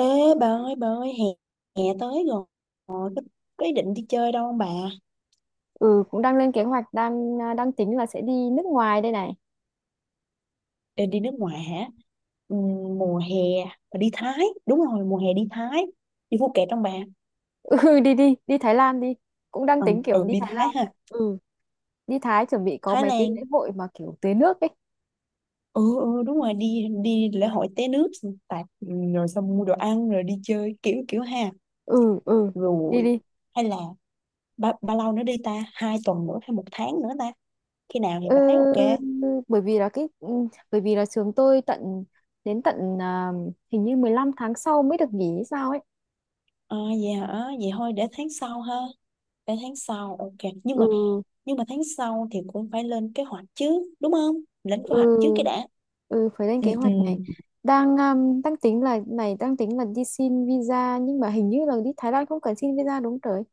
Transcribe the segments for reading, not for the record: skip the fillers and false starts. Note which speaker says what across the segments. Speaker 1: Ê, bà ơi bà ơi, hè, hè tới rồi. Ờ, có ý định đi chơi đâu không bà?
Speaker 2: Ừ Cũng đang lên kế hoạch đang tính là sẽ đi nước ngoài đây này.
Speaker 1: Định đi nước ngoài hả? Ừ, mùa hè bà đi Thái. Đúng rồi, mùa hè đi Thái. Đi Phuket trong bà.
Speaker 2: Ừ Đi đi đi Thái Lan đi, cũng đang
Speaker 1: Ừ,
Speaker 2: tính kiểu
Speaker 1: ừ,
Speaker 2: đi
Speaker 1: đi
Speaker 2: Thái
Speaker 1: Thái
Speaker 2: Lan.
Speaker 1: ha.
Speaker 2: ừ Đi Thái chuẩn bị có
Speaker 1: Thái
Speaker 2: mấy cái
Speaker 1: Lan.
Speaker 2: lễ hội mà kiểu tưới nước ấy.
Speaker 1: Ừ, ừ, đúng rồi, đi đi lễ hội té nước xong tạt, ừ, rồi xong mua đồ ăn rồi đi chơi kiểu kiểu ha.
Speaker 2: ừ ừ Đi
Speaker 1: Rồi.
Speaker 2: đi.
Speaker 1: Hay là bao lâu nữa đi ta, hai tuần nữa hay một tháng nữa ta? Khi nào thì
Speaker 2: ừ,
Speaker 1: bà thấy ok?
Speaker 2: bởi vì là cái ừ, Bởi vì là trường tôi tận, hình như 15 tháng sau mới được nghỉ hay sao ấy.
Speaker 1: À, vậy hả? Vậy thôi để tháng sau ha. Để tháng sau, ok. Nhưng
Speaker 2: ừ
Speaker 1: mà, nhưng mà tháng sau thì cũng phải lên kế hoạch chứ, đúng không? Lên kế
Speaker 2: ừ
Speaker 1: hoạch trước cái đã.
Speaker 2: ừ, phải lên
Speaker 1: Ừ,
Speaker 2: kế
Speaker 1: ừ.
Speaker 2: hoạch này. Đang đang tính là này đang tính là đi xin visa, nhưng mà hình như là đi Thái Lan không cần xin visa, đúng rồi.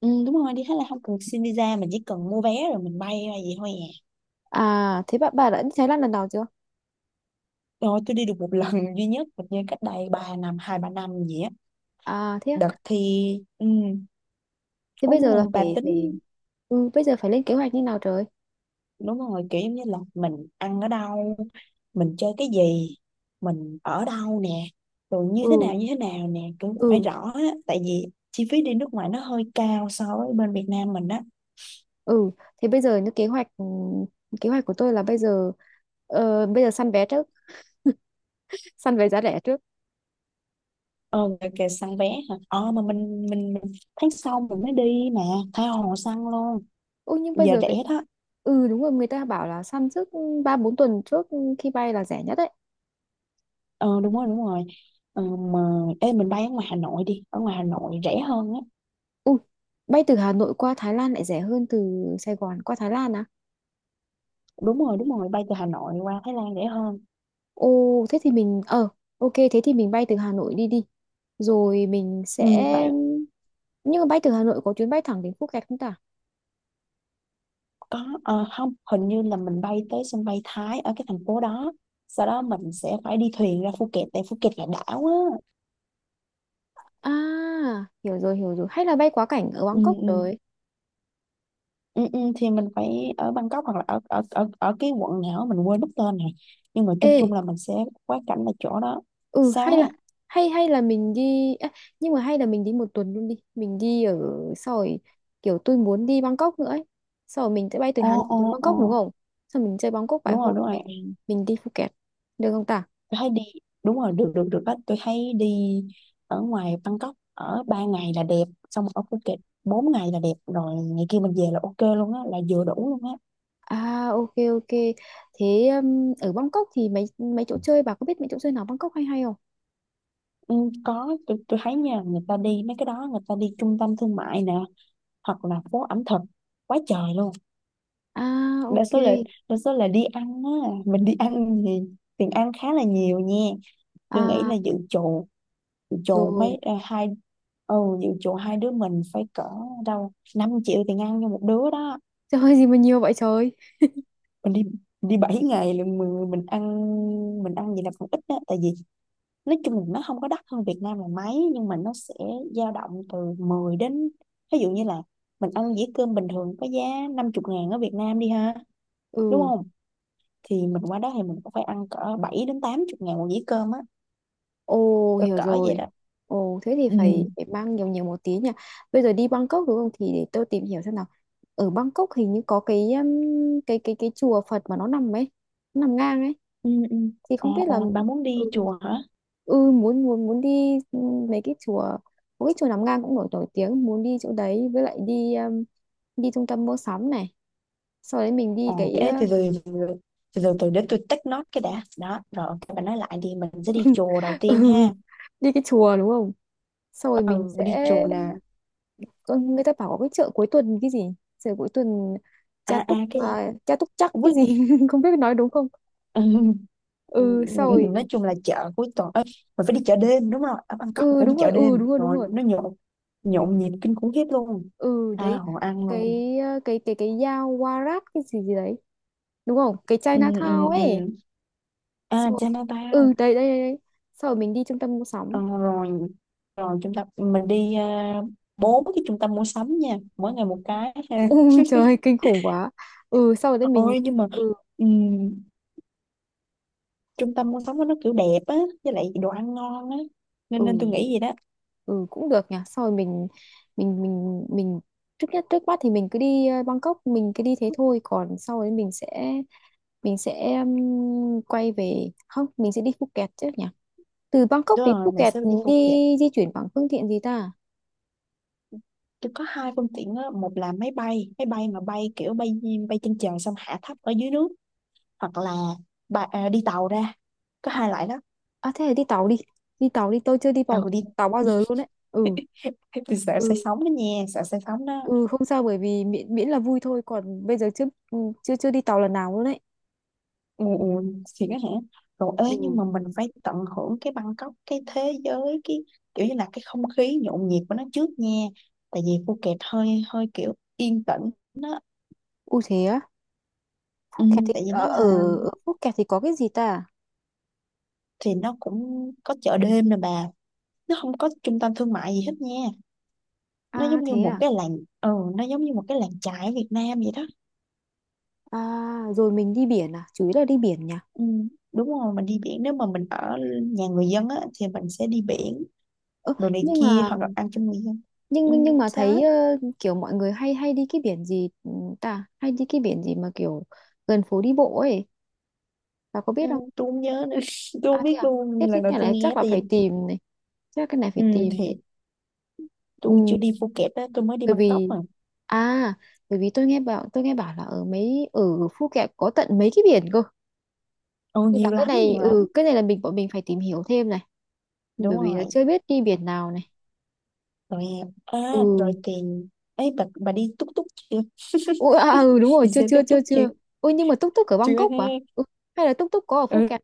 Speaker 1: Ừ, đúng rồi, đi Thái Lan không cần xin visa, mình chỉ cần mua vé rồi mình bay ra vậy thôi à.
Speaker 2: À, thế bạn bà đã đi Thái Lan lần nào chưa?
Speaker 1: Rồi, tôi đi được một lần duy nhất, hình như cách đây 3 năm, 2 3 năm gì á.
Speaker 2: À thế
Speaker 1: Đợt
Speaker 2: á.
Speaker 1: thì, ừ,
Speaker 2: Thế
Speaker 1: ủa
Speaker 2: bây giờ
Speaker 1: mà
Speaker 2: là
Speaker 1: bà
Speaker 2: phải
Speaker 1: tính
Speaker 2: phải bây giờ phải lên kế hoạch như nào trời?
Speaker 1: đúng rồi, kiểu giống như là mình ăn ở đâu, mình chơi cái gì, mình ở đâu nè, rồi
Speaker 2: Ừ
Speaker 1: như thế nào nè, cũng phải
Speaker 2: ừ
Speaker 1: rõ á, tại vì chi phí đi nước ngoài nó hơi cao so với bên Việt Nam mình á.
Speaker 2: ừ Thế bây giờ như kế hoạch ừ, kế hoạch của tôi là bây giờ, bây giờ săn vé trước, săn vé giá rẻ trước.
Speaker 1: Ờ kìa kìa, săn vé hả? Ờ mà mình tháng sau mình mới đi mà, tha hồ săn luôn.
Speaker 2: Ôi nhưng bây
Speaker 1: Giờ
Speaker 2: giờ
Speaker 1: rẻ
Speaker 2: người...
Speaker 1: đó.
Speaker 2: Ừ, đúng rồi, người ta bảo là săn trước 3 4 tuần trước khi bay là rẻ nhất đấy.
Speaker 1: Ờ đúng rồi đúng rồi. Ờ, mà ê, mình bay ở ngoài Hà Nội đi, ở ngoài Hà Nội rẻ hơn á.
Speaker 2: Ui, bay từ Hà Nội qua Thái Lan lại rẻ hơn từ Sài Gòn qua Thái Lan à?
Speaker 1: Đúng rồi đúng rồi, bay từ Hà Nội qua Thái Lan rẻ hơn.
Speaker 2: Ồ, thế thì mình ok, thế thì mình bay từ Hà Nội đi đi. Rồi mình
Speaker 1: Ừ
Speaker 2: sẽ,
Speaker 1: tại
Speaker 2: nhưng mà bay từ Hà Nội có chuyến bay thẳng đến Phuket không ta?
Speaker 1: có. Ờ, không, hình như là mình bay tới sân bay Thái ở cái thành phố đó, sau đó mình sẽ phải đi thuyền ra Phuket, tại Phuket là đảo á.
Speaker 2: À, hiểu rồi hiểu rồi. Hay là bay quá cảnh ở
Speaker 1: Ừ,
Speaker 2: Bangkok
Speaker 1: ừ,
Speaker 2: rồi.
Speaker 1: ừ, ừ, thì mình phải ở Bangkok hoặc là ở ở cái quận nào á, mình quên mất tên này, nhưng mà
Speaker 2: Ê,
Speaker 1: chung chung là mình sẽ quá cảnh là chỗ đó.
Speaker 2: ừ
Speaker 1: Sao
Speaker 2: hay
Speaker 1: á?
Speaker 2: là, hay hay là mình đi à, nhưng mà hay là mình đi 1 tuần luôn đi. Mình đi ở sau rồi, kiểu tôi muốn đi Bangkok nữa ấy. Sau rồi mình sẽ bay từ
Speaker 1: Ồ,
Speaker 2: Hà Nội
Speaker 1: ồ,
Speaker 2: đến Bangkok, đúng
Speaker 1: ồ.
Speaker 2: không? Sau mình chơi Bangkok vài
Speaker 1: Đúng rồi
Speaker 2: hôm
Speaker 1: đúng rồi,
Speaker 2: mình đi Phuket. Được không ta?
Speaker 1: tôi thấy đi, đúng rồi, được được được á, tôi thấy đi ở ngoài Bangkok ở ba ngày là đẹp, xong ở Phuket 4 ngày là đẹp, rồi ngày kia mình về là ok luôn á, là vừa đủ luôn á.
Speaker 2: À ok ok. Thế ở Bangkok thì mấy mấy chỗ chơi, bà có biết mấy chỗ chơi nào Bangkok hay hay không?
Speaker 1: Ừ, có, tôi thấy nha, người ta đi mấy cái đó, người ta đi trung tâm thương mại nè, hoặc là phố ẩm thực quá trời luôn.
Speaker 2: À
Speaker 1: Đa
Speaker 2: ok.
Speaker 1: số là, đa số là đi ăn á. Mình đi ăn thì tiền ăn khá là nhiều nha. Tôi nghĩ
Speaker 2: À
Speaker 1: là dự trù, dự trù
Speaker 2: rồi.
Speaker 1: mấy, hai, ừ, dự trù hai đứa mình phải cỡ đâu 5 triệu tiền ăn cho một đứa đó.
Speaker 2: Trời ơi, gì mà nhiều vậy trời.
Speaker 1: Mình đi mình đi 7 ngày là mình ăn, mình ăn gì là còn ít á, tại vì nói chung là nó không có đắt hơn Việt Nam là mấy, nhưng mà nó sẽ dao động từ 10 đến, ví dụ như là mình ăn dĩa cơm bình thường có giá 50 ngàn ở Việt Nam đi ha, đúng
Speaker 2: Ừ.
Speaker 1: không, thì mình qua đó thì mình cũng phải ăn cỡ 7 đến 80 ngàn một dĩa cơm á,
Speaker 2: Ồ
Speaker 1: cỡ
Speaker 2: hiểu
Speaker 1: cỡ vậy
Speaker 2: rồi.
Speaker 1: đó.
Speaker 2: Ồ thế thì
Speaker 1: Ừ.
Speaker 2: phải, phải mang nhiều nhiều một tí nhỉ? Bây giờ đi Bangkok đúng không, thì để tôi tìm hiểu xem nào. Ở Bangkok hình như có cái cái chùa Phật mà nó nằm ấy, nó nằm ngang ấy.
Speaker 1: Ừ, ừ.
Speaker 2: Thì
Speaker 1: Ờ,
Speaker 2: không biết
Speaker 1: ờ,
Speaker 2: là
Speaker 1: bà muốn
Speaker 2: ừ,
Speaker 1: đi chùa hả?
Speaker 2: ừ, muốn muốn muốn đi, mấy cái chùa, mỗi cái chùa Nam Ngang cũng nổi nổi tiếng, muốn đi chỗ đấy, với lại đi đi trung tâm mua sắm này, sau đấy mình đi
Speaker 1: Ờ,
Speaker 2: cái
Speaker 1: ê, từ từ để tôi take note cái đã đó, rồi ok bà nói lại đi, mình sẽ đi chùa đầu
Speaker 2: ừ,
Speaker 1: tiên ha.
Speaker 2: đi cái chùa đúng không, sau rồi
Speaker 1: Ừ,
Speaker 2: mình sẽ
Speaker 1: mình đi chùa nè.
Speaker 2: người ta bảo có cái chợ cuối tuần cái gì, chợ cuối tuần Cha
Speaker 1: À à
Speaker 2: Túc
Speaker 1: cái gì,
Speaker 2: à, Cha Túc chắc cái
Speaker 1: quýt.
Speaker 2: gì không biết nói đúng không.
Speaker 1: Ừ,
Speaker 2: Ừ sau
Speaker 1: nói
Speaker 2: rồi,
Speaker 1: chung là chợ cuối tuần ấy, mình phải đi chợ đêm, đúng rồi, ở Bangkok mình phải đi chợ đêm,
Speaker 2: đúng rồi đúng
Speaker 1: rồi
Speaker 2: rồi.
Speaker 1: nó nhộn, nhộn nhịp kinh khủng khiếp luôn,
Speaker 2: Ừ
Speaker 1: tha
Speaker 2: đấy,
Speaker 1: hồ ăn luôn.
Speaker 2: cái cái dao Warat cái gì gì đấy, đúng không, cái
Speaker 1: Ừ,
Speaker 2: Chinatown
Speaker 1: ừ,
Speaker 2: ấy.
Speaker 1: ừ. À
Speaker 2: Xong rồi,
Speaker 1: Chinatown.
Speaker 2: ừ đây đây đây đây. Sau rồi mình đi trung tâm mua sắm.
Speaker 1: Ờ, rồi, rồi chúng ta mình đi, bốn cái trung tâm mua sắm nha, mỗi ngày một cái ha.
Speaker 2: Ừ, trời ơi, kinh khủng quá. Ừ sau rồi đấy mình
Speaker 1: Ôi nhưng mà,
Speaker 2: ừ
Speaker 1: ừm, trung tâm mua sắm của nó kiểu đẹp á, với lại đồ ăn ngon á, nên nên tôi
Speaker 2: ừ
Speaker 1: nghĩ vậy đó.
Speaker 2: ừ, cũng được nhỉ, sau rồi mình trước nhất, trước mắt thì mình cứ đi Bangkok, mình cứ đi thế thôi, còn sau đấy mình sẽ quay về không, mình sẽ đi Phuket chứ nhỉ, từ Bangkok
Speaker 1: Đúng
Speaker 2: đến
Speaker 1: rồi mình
Speaker 2: Phuket
Speaker 1: sẽ đi
Speaker 2: đi,
Speaker 1: Phuket.
Speaker 2: di chuyển bằng phương tiện gì ta.
Speaker 1: Tôi có hai phương tiện á, một là máy bay, máy bay mà bay kiểu bay, bay trên trời xong hạ thấp ở dưới nước, hoặc là bà, đi tàu ra, có
Speaker 2: À,
Speaker 1: hai loại đó.
Speaker 2: à thế thì đi tàu đi. Đi tàu đi, tôi chưa đi
Speaker 1: Ừ
Speaker 2: tàu,
Speaker 1: đi.
Speaker 2: tàu bao giờ luôn đấy. Ừ,
Speaker 1: Thế tôi sợ say
Speaker 2: ừ,
Speaker 1: sóng đó nha, sợ say sóng đó.
Speaker 2: ừ không sao, bởi vì miễn miễn là vui thôi, còn bây giờ chưa chưa chưa đi tàu lần nào luôn đấy.
Speaker 1: Ừ, ừ, thì đó hả? Rồi ơi, nhưng
Speaker 2: Ừ.
Speaker 1: mà mình phải tận hưởng cái Bangkok, cái thế giới, cái kiểu như là cái không khí nhộn nhịp của nó trước nha, tại vì Phuket hơi hơi kiểu yên tĩnh nó.
Speaker 2: U thế á, Phúc
Speaker 1: Ừ,
Speaker 2: Kẹt thì
Speaker 1: tại vì nó
Speaker 2: ở
Speaker 1: là,
Speaker 2: ở ở Phúc Kẹt thì có cái gì ta?
Speaker 1: thì nó cũng có chợ đêm nè bà, nó không có trung tâm thương mại gì hết nha, nó
Speaker 2: À
Speaker 1: giống như
Speaker 2: thế
Speaker 1: một
Speaker 2: à.
Speaker 1: cái làng, ừ, nó giống như một cái làng chài ở Việt Nam vậy đó.
Speaker 2: À rồi, mình đi biển à, chủ yếu là đi biển nhỉ.
Speaker 1: Ừ, đúng rồi mình đi biển. Nếu mà mình ở nhà người dân á thì mình sẽ đi biển,
Speaker 2: Ơ
Speaker 1: đồ này
Speaker 2: nhưng
Speaker 1: kia,
Speaker 2: mà,
Speaker 1: hoặc là ăn cho người dân. Ừ,
Speaker 2: nhưng mà
Speaker 1: sao á?
Speaker 2: thấy kiểu mọi người hay hay đi cái biển gì ta, hay đi cái biển gì mà kiểu gần phố đi bộ ấy, bà có
Speaker 1: Ừ,
Speaker 2: biết không?
Speaker 1: tôi không nhớ nữa, tôi không biết
Speaker 2: À? Thế
Speaker 1: luôn,
Speaker 2: thế
Speaker 1: lần đầu
Speaker 2: cái
Speaker 1: tôi
Speaker 2: này
Speaker 1: nghe
Speaker 2: chắc là
Speaker 1: thì.
Speaker 2: phải tìm này, chắc cái này
Speaker 1: Ừ,
Speaker 2: phải tìm này.
Speaker 1: thì tôi
Speaker 2: Ừ,
Speaker 1: chưa đi Phuket á, tôi mới đi
Speaker 2: bởi
Speaker 1: Bangkok
Speaker 2: vì
Speaker 1: mà.
Speaker 2: à, bởi vì tôi nghe bảo là ở Phu Kẹt có tận mấy cái biển cơ.
Speaker 1: Ừ,
Speaker 2: Nên là
Speaker 1: nhiều
Speaker 2: cái
Speaker 1: lắm
Speaker 2: này,
Speaker 1: nhiều lắm.
Speaker 2: cái này là bọn mình phải tìm hiểu thêm này,
Speaker 1: Đúng
Speaker 2: bởi vì là
Speaker 1: rồi.
Speaker 2: chưa biết đi biển nào này.
Speaker 1: Rồi rồi
Speaker 2: Ừ.
Speaker 1: tiền ấy bà đi túc túc chưa?
Speaker 2: Ủa, ừ đúng rồi,
Speaker 1: Đi
Speaker 2: chưa
Speaker 1: xe
Speaker 2: chưa
Speaker 1: túc
Speaker 2: chưa
Speaker 1: túc chưa?
Speaker 2: chưa. Ôi nhưng mà túc túc ở
Speaker 1: Chưa
Speaker 2: Bangkok
Speaker 1: thế.
Speaker 2: à? Ừ, hay là túc túc có ở Phu
Speaker 1: Ừ,
Speaker 2: Kẹt?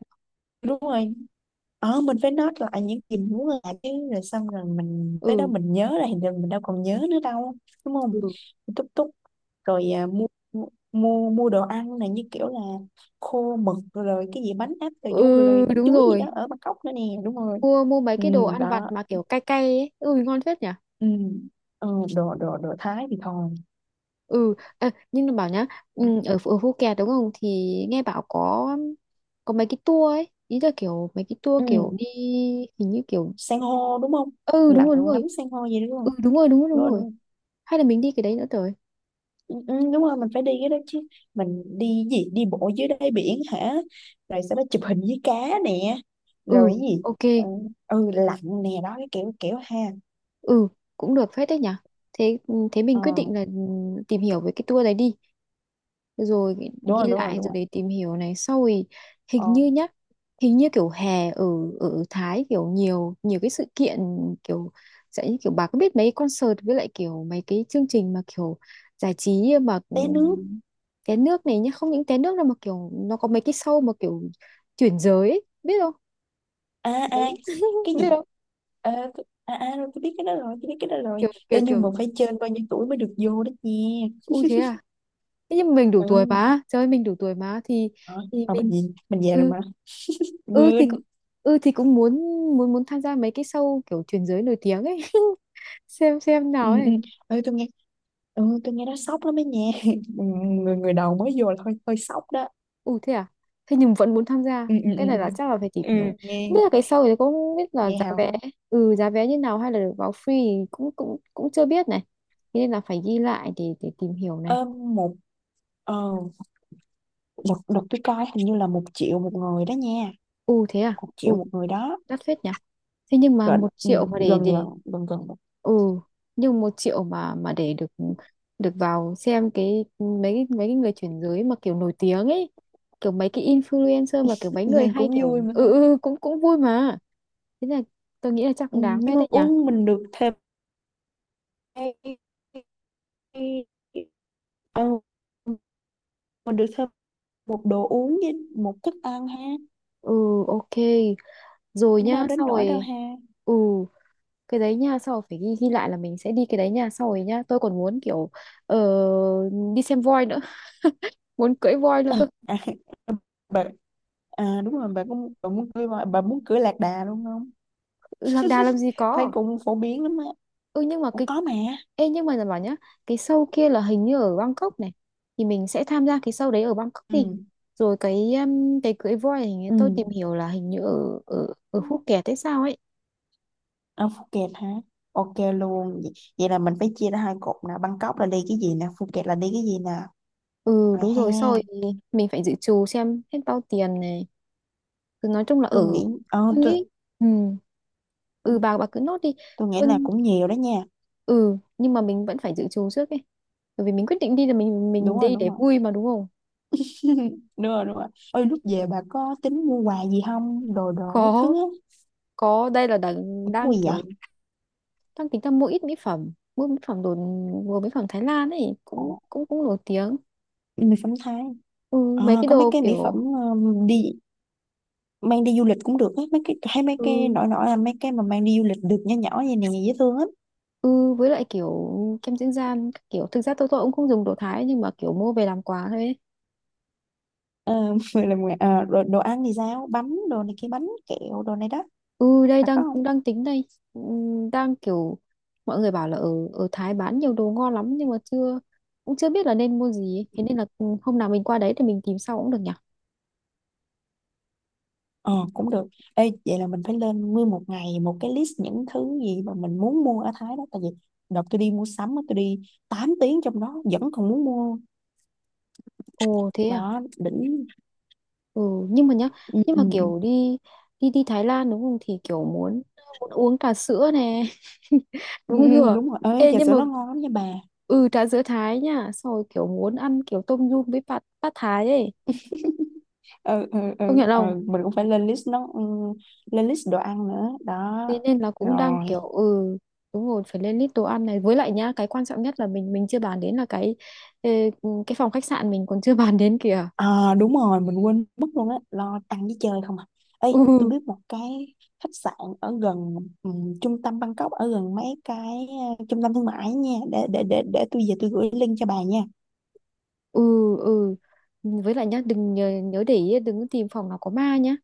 Speaker 1: đúng rồi. Ờ mình phải note lại những gì mình muốn làm chứ, rồi xong rồi mình tới đó
Speaker 2: Ừ.
Speaker 1: mình nhớ ra thì mình đâu còn nhớ nữa đâu, đúng không?
Speaker 2: Ừ.
Speaker 1: Túc túc. Rồi mua, mua đồ ăn này, như kiểu là khô mực rồi cái gì bánh áp cà du rồi, rồi
Speaker 2: Ừ
Speaker 1: bánh
Speaker 2: đúng
Speaker 1: chuối gì đó
Speaker 2: rồi.
Speaker 1: ở Bangkok nữa nè, đúng rồi.
Speaker 2: Mua mua mấy
Speaker 1: Ừ,
Speaker 2: cái đồ ăn vặt
Speaker 1: đó.
Speaker 2: mà kiểu cay cay ấy. Ừ ngon phết nhỉ.
Speaker 1: Ừ. Ừ, đồ đồ đồ Thái thì thôi.
Speaker 2: Ừ Ê, nhưng nó bảo nhá, ở Phú Kẹt đúng không thì nghe bảo có mấy cái tour ấy, ý là kiểu mấy cái tour kiểu
Speaker 1: Ừ.
Speaker 2: đi, hình như kiểu,
Speaker 1: San hô đúng không?
Speaker 2: ừ đúng
Speaker 1: Lặn
Speaker 2: rồi đúng
Speaker 1: ngắm
Speaker 2: rồi,
Speaker 1: san hô gì đúng
Speaker 2: ừ
Speaker 1: không?
Speaker 2: đúng rồi đúng rồi
Speaker 1: Đúng
Speaker 2: đúng
Speaker 1: rồi đúng
Speaker 2: rồi,
Speaker 1: rồi.
Speaker 2: hay là mình đi cái đấy nữa rồi.
Speaker 1: Ừ, ừ, đúng rồi mình phải đi cái đó chứ, mình đi gì đi bộ dưới đáy biển hả, rồi sau đó chụp hình với cá nè,
Speaker 2: Ừ
Speaker 1: rồi cái gì.
Speaker 2: ok.
Speaker 1: Ừ, ừ lạnh nè, đó cái kiểu kiểu ha.
Speaker 2: Ừ cũng được phết đấy nhỉ. Thế thế mình
Speaker 1: Ờ
Speaker 2: quyết định là tìm hiểu về cái tour đấy đi, rồi ghi
Speaker 1: đúng rồi
Speaker 2: ghi
Speaker 1: đúng rồi
Speaker 2: lại,
Speaker 1: đúng
Speaker 2: rồi
Speaker 1: rồi.
Speaker 2: để tìm hiểu này. Sau thì hình
Speaker 1: Ờ,
Speaker 2: như nhá, hình như kiểu hè ở ở Thái kiểu nhiều nhiều cái sự kiện, kiểu sẽ kiểu, bà có biết mấy concert với lại kiểu mấy cái chương trình mà kiểu giải trí mà,
Speaker 1: té nước.
Speaker 2: té nước này nhá, không những té nước đâu mà kiểu nó có mấy cái show mà kiểu chuyển giới ấy, biết không,
Speaker 1: À à
Speaker 2: mấy,
Speaker 1: cái
Speaker 2: biết
Speaker 1: gì.
Speaker 2: không,
Speaker 1: Ờ, à à rồi tôi biết cái đó rồi, tôi biết cái đó rồi.
Speaker 2: kiểu kiểu
Speaker 1: Ê, nhưng mà
Speaker 2: kiểu
Speaker 1: phải trên bao nhiêu tuổi mới được vô đó nha.
Speaker 2: ui thế à. Thế nhưng mình đủ tuổi
Speaker 1: Ừ.
Speaker 2: mà, trời ơi, mình đủ tuổi mà thì
Speaker 1: Ờ,
Speaker 2: thì
Speaker 1: mà
Speaker 2: mình,
Speaker 1: mình gì, mình về rồi
Speaker 2: ừ,
Speaker 1: mà
Speaker 2: ừ thì
Speaker 1: quên.
Speaker 2: cũng, ừ thì cũng muốn, muốn tham gia mấy cái show kiểu truyền giới nổi tiếng ấy, xem
Speaker 1: Ừ
Speaker 2: nào
Speaker 1: ừ
Speaker 2: ấy.
Speaker 1: ừ. Tôi nghe, ừ tôi nghe nó sốc lắm ấy nha. Ừ, người người đầu mới vô là hơi hơi sốc đó.
Speaker 2: Ừ thế à, thế nhưng vẫn muốn tham gia,
Speaker 1: Ừ ừ ừ
Speaker 2: cái này
Speaker 1: ừ.
Speaker 2: là chắc là phải tìm
Speaker 1: Ừ,
Speaker 2: hiểu. Không biết
Speaker 1: nghe,
Speaker 2: là cái show thì cũng không biết là
Speaker 1: nghe
Speaker 2: giá
Speaker 1: hào
Speaker 2: vé,
Speaker 1: hứng.
Speaker 2: ừ giá vé như nào, hay là được vào free thì cũng cũng cũng chưa biết này, thế nên là phải ghi lại để tìm hiểu này.
Speaker 1: Ờ, một, ờ đợt đợt tôi coi hình như là một triệu một người đó nha,
Speaker 2: Ừ thế à.
Speaker 1: một
Speaker 2: Ừ
Speaker 1: triệu một người đó.
Speaker 2: đắt phết nhỉ. Thế nhưng mà
Speaker 1: Gần,
Speaker 2: một
Speaker 1: ừ,
Speaker 2: triệu mà để
Speaker 1: gần gần
Speaker 2: để
Speaker 1: gần gần một.
Speaker 2: ừ nhưng 1 triệu mà để được được vào xem cái mấy cái người chuyển giới mà kiểu nổi tiếng ấy, kiểu mấy cái influencer mà kiểu mấy
Speaker 1: Nghe
Speaker 2: người hay
Speaker 1: cũng vui
Speaker 2: kiểu,
Speaker 1: mà ha.
Speaker 2: cũng cũng vui mà. Thế là tôi nghĩ là chắc
Speaker 1: Ừ,
Speaker 2: cũng đáng
Speaker 1: nhưng
Speaker 2: phết
Speaker 1: mà
Speaker 2: đấy nhỉ.
Speaker 1: uống mình được thêm, ừ, mình được thêm một đồ uống với một thức ăn ha.
Speaker 2: Ừ ok rồi
Speaker 1: Cũng đâu
Speaker 2: nhá.
Speaker 1: đến
Speaker 2: Sau
Speaker 1: nỗi đâu
Speaker 2: rồi
Speaker 1: ha.
Speaker 2: ừ, cái đấy nha, sau rồi phải ghi ghi lại là mình sẽ đi cái đấy nha. Sau rồi nhá, tôi còn muốn kiểu ờ, đi xem voi nữa, muốn cưỡi voi nữa
Speaker 1: Ờ,
Speaker 2: cơ.
Speaker 1: à, bà, à, đúng rồi bà cũng bà muốn cưới voi- bà muốn cưới lạc đà luôn không?
Speaker 2: Ừ, lạc đà làm gì
Speaker 1: Thấy
Speaker 2: có.
Speaker 1: cũng phổ biến lắm á.
Speaker 2: Ừ nhưng mà
Speaker 1: Ủa,
Speaker 2: cái,
Speaker 1: có mà.
Speaker 2: ê nhưng mà là bảo nhá, cái show kia là hình như ở Bangkok này, thì mình sẽ tham gia cái show đấy ở Bangkok
Speaker 1: Ừ.
Speaker 2: đi, rồi cái cưới voi hình như tôi tìm
Speaker 1: Ừ,
Speaker 2: hiểu là hình như ở ở ở Phuket hay sao ấy.
Speaker 1: ở Phuket hả? Ok luôn vậy, vậy là mình phải chia ra hai cột nè, Bangkok là đi cái gì nè, Phuket là đi cái gì nè.
Speaker 2: Ừ
Speaker 1: Rồi
Speaker 2: đúng
Speaker 1: ha.
Speaker 2: rồi sau rồi, mình phải dự trù xem hết bao tiền này, cứ nói chung là
Speaker 1: Tôi
Speaker 2: ở,
Speaker 1: nghĩ, ờ
Speaker 2: tôi
Speaker 1: tôi
Speaker 2: nghĩ ừ, ừ bà cứ nốt đi,
Speaker 1: tôi nghĩ
Speaker 2: tôi
Speaker 1: là cũng nhiều đó nha.
Speaker 2: ừ nhưng mà mình vẫn phải dự trù trước ấy, bởi vì mình quyết định đi là mình
Speaker 1: Đúng rồi
Speaker 2: đi
Speaker 1: đúng
Speaker 2: để
Speaker 1: rồi.
Speaker 2: vui mà đúng không.
Speaker 1: Đúng rồi đúng rồi. Ôi lúc về bà có tính mua quà gì không, đồ đồ các
Speaker 2: Có,
Speaker 1: thứ á?
Speaker 2: có đây là đang
Speaker 1: Mua
Speaker 2: đang
Speaker 1: gì vậy?
Speaker 2: kiểu đang tính ra mua ít mỹ phẩm, mua mỹ phẩm đồ, mua mỹ phẩm Thái Lan ấy
Speaker 1: Ờ,
Speaker 2: cũng cũng cũng nổi tiếng.
Speaker 1: mì phấn Thái.
Speaker 2: Ừ, mấy
Speaker 1: Ờ,
Speaker 2: cái
Speaker 1: có mấy
Speaker 2: đồ
Speaker 1: cái mỹ phẩm,
Speaker 2: kiểu,
Speaker 1: đi mang đi du lịch cũng được á, mấy cái hay, mấy
Speaker 2: ừ,
Speaker 1: cái nổi nổi là mấy cái mà mang đi du lịch được, nhỏ nhỏ vậy nè, dễ thương lắm.
Speaker 2: ừ, với lại kiểu kem dưỡng da các kiểu, thực ra tôi cũng không dùng đồ Thái, nhưng mà kiểu mua về làm quà thôi ấy.
Speaker 1: Ờ, rồi làm, rồi đồ ăn thì sao, bánh đồ này kia bánh kẹo đồ này đó,
Speaker 2: Ừ đây
Speaker 1: là có
Speaker 2: đang
Speaker 1: không?
Speaker 2: cũng đang tính đây. Ừ, đang kiểu mọi người bảo là ở ở Thái bán nhiều đồ ngon lắm, nhưng mà chưa, cũng chưa biết là nên mua gì ấy. Thế nên là ừ, hôm nào mình qua đấy thì mình tìm sau cũng được nhỉ.
Speaker 1: Ờ cũng được. Ê, vậy là mình phải lên nguyên một ngày một cái list những thứ gì mà mình muốn mua ở Thái đó, tại vì đợt tôi đi mua sắm á, tôi đi 8 tiếng trong đó vẫn còn muốn mua,
Speaker 2: Ồ thế à.
Speaker 1: đó đỉnh.
Speaker 2: Ừ, nhưng mà nhá,
Speaker 1: Ừ,
Speaker 2: nhưng
Speaker 1: ừ,
Speaker 2: mà
Speaker 1: ừ,
Speaker 2: kiểu đi, đi Thái Lan đúng không, thì kiểu muốn, uống trà sữa nè.
Speaker 1: ừ,
Speaker 2: Đúng
Speaker 1: ừ,
Speaker 2: chưa?
Speaker 1: đúng rồi ơi,
Speaker 2: Ê
Speaker 1: trà
Speaker 2: nhưng
Speaker 1: sữa
Speaker 2: mà,
Speaker 1: nó ngon lắm nha bà.
Speaker 2: ừ trà sữa Thái nha, xong rồi kiểu muốn ăn kiểu tôm nhum với bát bát Thái ấy.
Speaker 1: Ừ, ừ, ừ,
Speaker 2: Công nhận
Speaker 1: ừ,
Speaker 2: không?
Speaker 1: mình cũng phải lên list nó, ừ, lên list đồ ăn nữa đó.
Speaker 2: Thế nên là cũng đang
Speaker 1: Rồi
Speaker 2: kiểu, ừ đúng rồi, phải lên list đồ ăn này, với lại nhá, cái quan trọng nhất là mình chưa bàn đến là cái ờ, cái phòng khách sạn mình còn chưa bàn đến kìa.
Speaker 1: đúng rồi mình quên mất luôn á, lo ăn với chơi không à. Ê tôi
Speaker 2: ừ
Speaker 1: biết một cái khách sạn ở gần, ừ, trung tâm Bangkok, ở gần mấy cái, ờ, trung tâm thương mại nha, để tôi về tôi gửi link cho bà nha.
Speaker 2: ừ ừ với lại nhá đừng nhớ, nhớ để ý đừng có tìm phòng nào có ma nhá.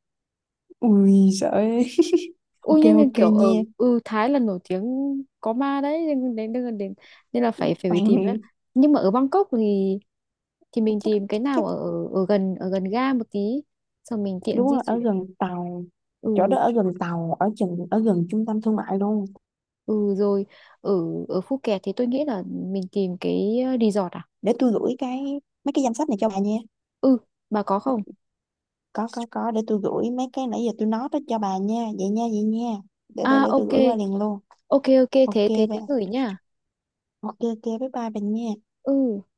Speaker 1: Ui sợ ơi.
Speaker 2: Ui
Speaker 1: Ok
Speaker 2: nhưng mà
Speaker 1: ok
Speaker 2: kiểu
Speaker 1: nha.
Speaker 2: Thái là nổi tiếng có ma đấy, nên đến, đến nên là phải phải phải tìm á.
Speaker 1: Ừ.
Speaker 2: Nhưng mà ở Bangkok thì mình
Speaker 1: chắc
Speaker 2: tìm cái
Speaker 1: chắc
Speaker 2: nào
Speaker 1: chắc
Speaker 2: ở ở gần ga một tí, xong mình tiện
Speaker 1: Đúng
Speaker 2: di
Speaker 1: rồi ở
Speaker 2: chuyển.
Speaker 1: gần tàu, chỗ
Speaker 2: ừ
Speaker 1: đó ở gần tàu, ở chừng ở gần trung tâm thương mại luôn.
Speaker 2: ừ Rồi, ở, ở Phuket thì tôi nghĩ là mình tìm cái resort à.
Speaker 1: Để tôi gửi cái mấy cái danh sách này cho bà nha.
Speaker 2: Ừ bà có không.
Speaker 1: Có, để tôi gửi mấy cái nãy giờ tôi nói đó cho bà nha, vậy nha vậy nha, để
Speaker 2: À
Speaker 1: để để tôi
Speaker 2: ok
Speaker 1: gửi qua liền luôn.
Speaker 2: ok ok,
Speaker 1: Ok
Speaker 2: thế thế
Speaker 1: bà.
Speaker 2: thế gửi nha.
Speaker 1: Ok ok bye bye bà nha.
Speaker 2: Ừ.